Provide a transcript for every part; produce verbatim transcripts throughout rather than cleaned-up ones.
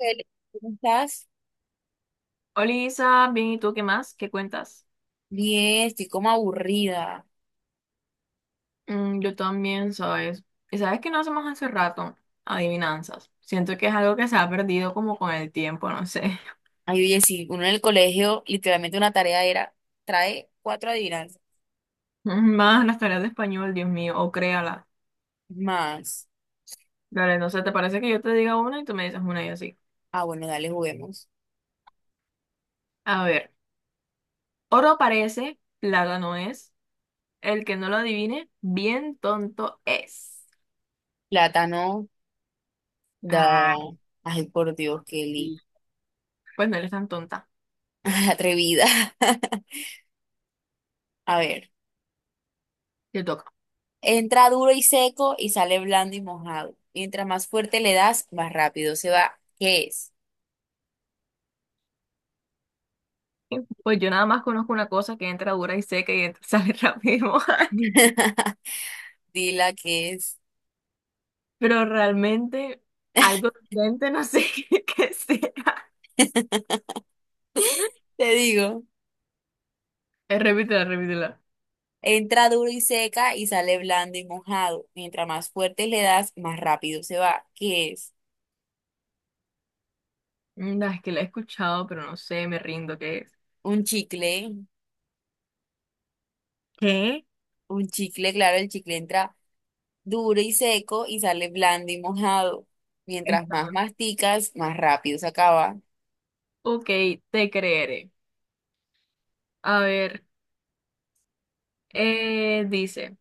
Eli, ¿cómo estás? Hola Isa, bien, ¿y tú qué más? ¿Qué cuentas? Bien, estoy como aburrida. Mm, yo también, ¿sabes? Y sabes que no hacemos hace rato adivinanzas. Siento que es algo que se ha perdido como con el tiempo, no sé. Ay, oye, sí, uno en el colegio, literalmente una tarea era, trae cuatro adivinanzas Más las tareas de español, Dios mío, o créala. más. Dale, no sé, ¿te parece que yo te diga una y tú me dices una y así? Ah, bueno, dale, juguemos. A ver, oro parece, plata no es. El que no lo adivine, bien tonto es. Plátano, da. Ah, Ay, por Dios, Kelly. sí. Pues no eres tan tonta. Atrevida. A ver, Te toca. entra duro y seco y sale blando y mojado. Mientras más fuerte le das, más rápido se va. ¿Qué es? Pues yo nada más conozco una cosa que entra dura y seca y entra- sale rápido. Dila qué es. Pero realmente algo decente, no sé qué qué sea. Te digo. Eh, repítela, repítela. Entra duro y seca y sale blando y mojado. Mientras más fuerte le das, más rápido se va. ¿Qué es? No, es que la he escuchado, pero no sé, me rindo, ¿qué es? Un chicle. ¿Qué? Un chicle, claro, el chicle entra duro y seco y sale blando y mojado. Mientras Esta, más no. masticas, más rápido se acaba. Ok, te creeré. A ver, eh, dice,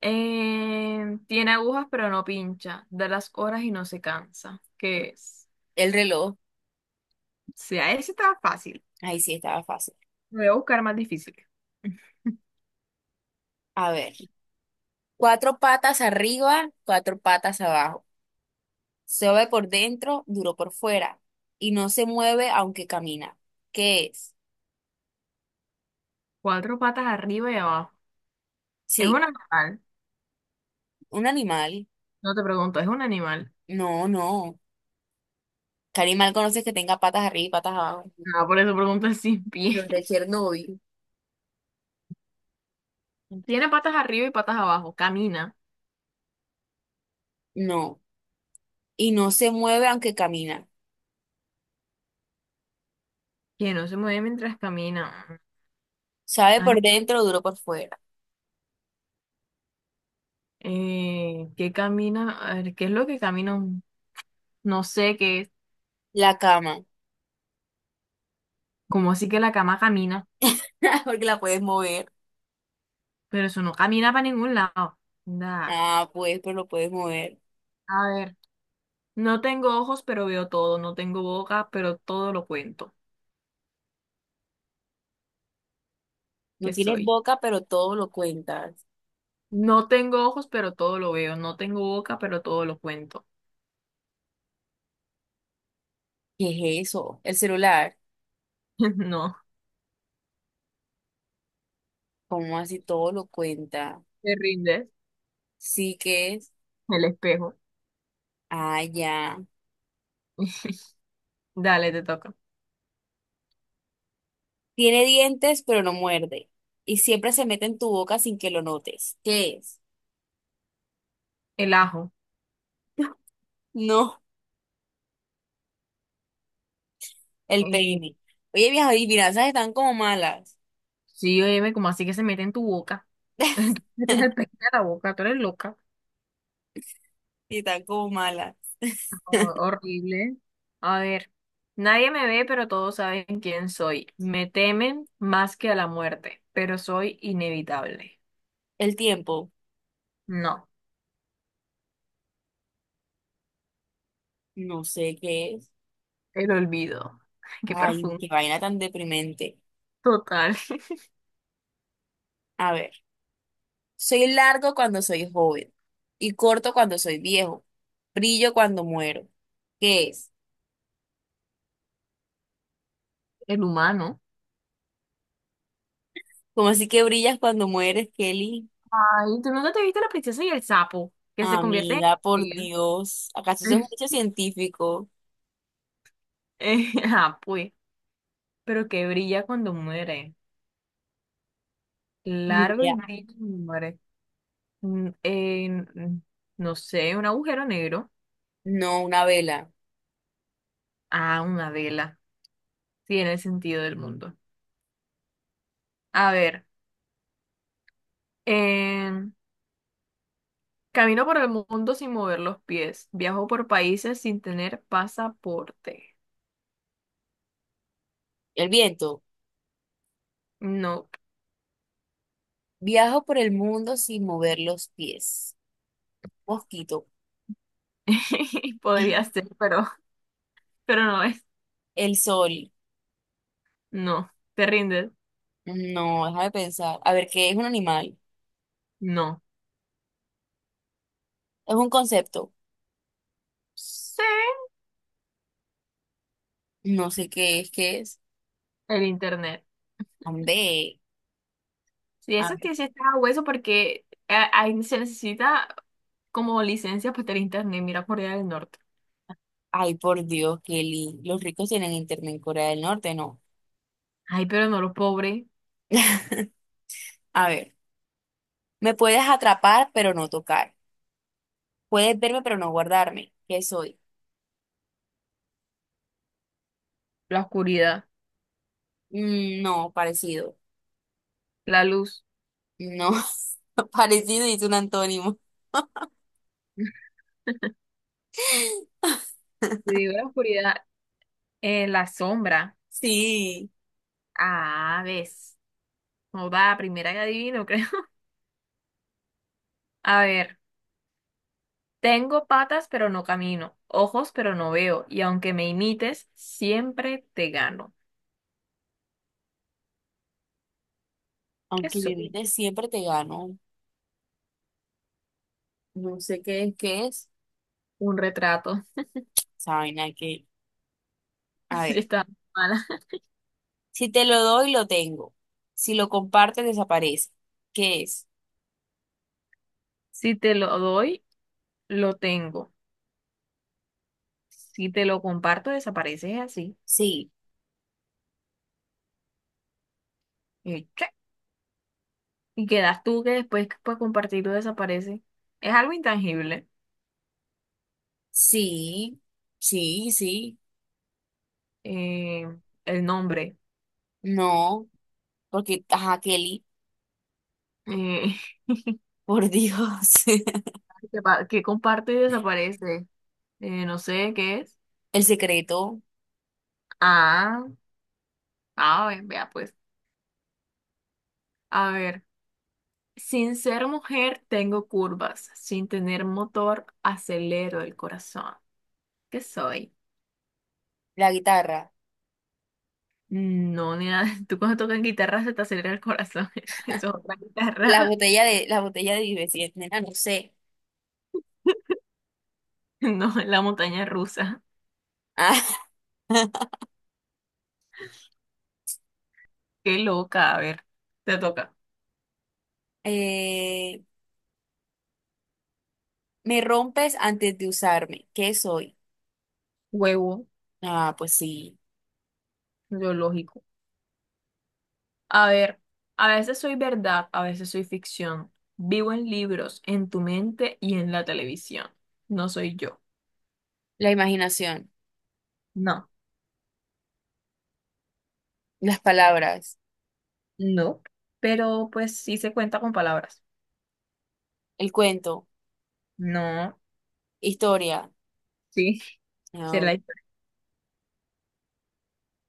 eh, tiene agujas pero no pincha, da las horas y no se cansa. ¿Qué es? El reloj. Sea, ese está fácil. Ahí sí estaba fácil. Voy a buscar más difícil. A ver. Cuatro patas arriba, cuatro patas abajo. Suave por dentro, duro por fuera. Y no se mueve aunque camina. ¿Qué es? Cuatro patas arriba y abajo. Es un Sí, animal. un animal. No te pregunto, es un animal. No, no. ¿Qué animal conoces que tenga patas arriba y patas abajo? Ah, por eso pregunto el sin pie. Los de Chernóbil. Tiene patas arriba y patas abajo. Camina. No. Y no se mueve aunque camina. Que no se mueve mientras camina. Sabe por Ay, dentro, duro por fuera. eh, ¿qué camina? A ver, ¿qué es lo que camina? un- No sé qué es. La cama. Como así que la cama camina. Porque la puedes mover. Pero eso no camina para ningún lado. Nada. Ah, pues, pero lo puedes mover. A ver. No tengo ojos, pero veo todo. No tengo boca, pero todo lo cuento. No ¿Qué tienes soy? boca, pero todo lo cuentas. No tengo ojos, pero todo lo veo. No tengo boca, pero todo lo cuento. ¿Qué es eso? El celular. No. ¿Cómo así todo lo cuenta? ¿Te rindes? Sí que es. El espejo. Ah, ya. Dale, te toca. Tiene dientes, pero no muerde. Y siempre se mete en tu boca sin que lo notes. ¿Qué es? El ajo. No. El Eh, baby. Oye, viejo, y finanzas están como malas. sí, oye, como así que se mete en tu boca. Entonces metes el pez a la boca, tú eres loca. Sí, están como malas. Ho- horrible. A ver, nadie me ve, pero todos saben quién soy. Me temen más que a la muerte, pero soy inevitable. El tiempo, No, no sé qué es. el olvido. Qué Ay, profundo. qué vaina tan deprimente. Total. A ver, soy largo cuando soy joven y corto cuando soy viejo. Brillo cuando muero. ¿Qué es? El humano. ¿Cómo así que brillas cuando mueres, Kelly? Ay, ¿tú nunca te viste la princesa y el sapo? Que se convierte en Amiga, por Dios. ¿Acaso eso es estrella. un hecho científico? Eh, ah, pues, pero que brilla cuando muere. Ni Largo y idea. brilla cuando muere. Mm, en, mm, no sé, un agujero negro. No, una vela. Ah, una vela. Tiene el sentido del mundo. A ver, em, camino por el mundo sin mover los pies. Viajo por países sin tener pasaporte. El viento. No, Viajo por el mundo sin mover los pies. Mosquito. podría ser, pero, pero no es. El sol. No, ¿te rindes? No, deja de pensar. A ver, ¿qué es un animal? No. Es un concepto. Sí, No sé qué es, qué es. el internet. Ande. Si eso A- tiene sí está hueso porque eh, ahí se necesita como licencia para tener internet. Mira Corea del Norte. Ay, por Dios, Kelly. Los ricos tienen internet en Corea del Norte, ¿no? Ay, pero no los pobres. A ver, me puedes atrapar, pero no tocar. Puedes verme, pero no guardarme. ¿Qué soy? La oscuridad, Mm, no, parecido. la luz. No, parecido y es un antónimo. Te digo la oscuridad, eh, la sombra. Sí, Ah, ves. No va, primera que adivino, creo. A ver, tengo patas pero no camino, ojos pero no veo, y aunque me imites, siempre te gano. ¿Qué aunque soy? viviste siempre te gano. No sé qué es, qué es. Un retrato. Saben, hay que. A Si ver. está mala. Si te lo doy, lo tengo. Si lo compartes, desaparece. ¿Qué es? Si te lo doy, lo tengo. Si te lo comparto, desapareces así. Sí, Y, che, y quedas tú que después que puedes compartirlo desaparece. Es algo intangible. sí, sí, sí. Eh, el nombre. No, porque, ajá, Kelly, Eh, por Dios. que, pa- que comparte y desaparece. Eh, no sé qué es. El secreto, Ah, ah, ve- vea pues. A ver. Sin ser mujer tengo curvas. Sin tener motor acelero el corazón. ¿Qué soy? la guitarra, No, ni nada. Tú cuando tocas guitarra se te acelera el corazón. Eso es otra la guitarra. botella de, la botella de Vive nena, no sé. No, es la montaña rusa. Ah, Qué loca. A ver, te toca. eh, me rompes antes de usarme. ¿Qué soy? Huevo, Ah, pues sí. biológico. A ver, a veces soy verdad, a veces soy ficción. Vivo en libros, en tu mente y en la televisión. No soy yo. La imaginación, No, las palabras, no, pero pues sí se cuenta con palabras. el cuento, No, historia. sí, será Ah, la historia.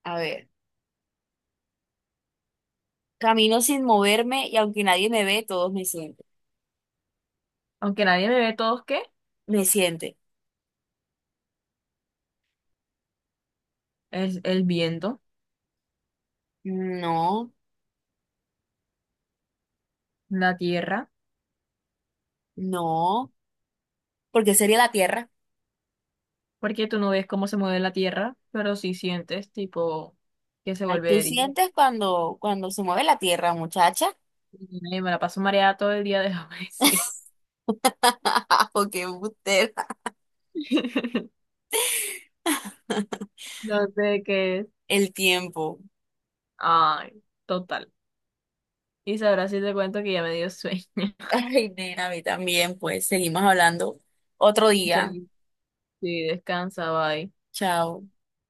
a ver. Camino sin moverme y aunque nadie me ve, todos me sienten. Aunque nadie me ve todos, ¿qué? Me sienten. Es el viento, No, la tierra, no, porque sería la tierra. porque tú no ves cómo se mueve la tierra, pero sí sientes tipo que se Ay, vuelve ¿tú de día. sientes cuando, cuando se mueve la tierra, muchacha? Y me la paso mareada todo el día, déjame decir. ¿O qué embustera. No sé qué es. El tiempo. Ay, total. Y sabrás si te cuento que ya me dio sueño. Ay, nena, a mí también, pues seguimos hablando otro Ya, día. sí, descansa, bye. Chao.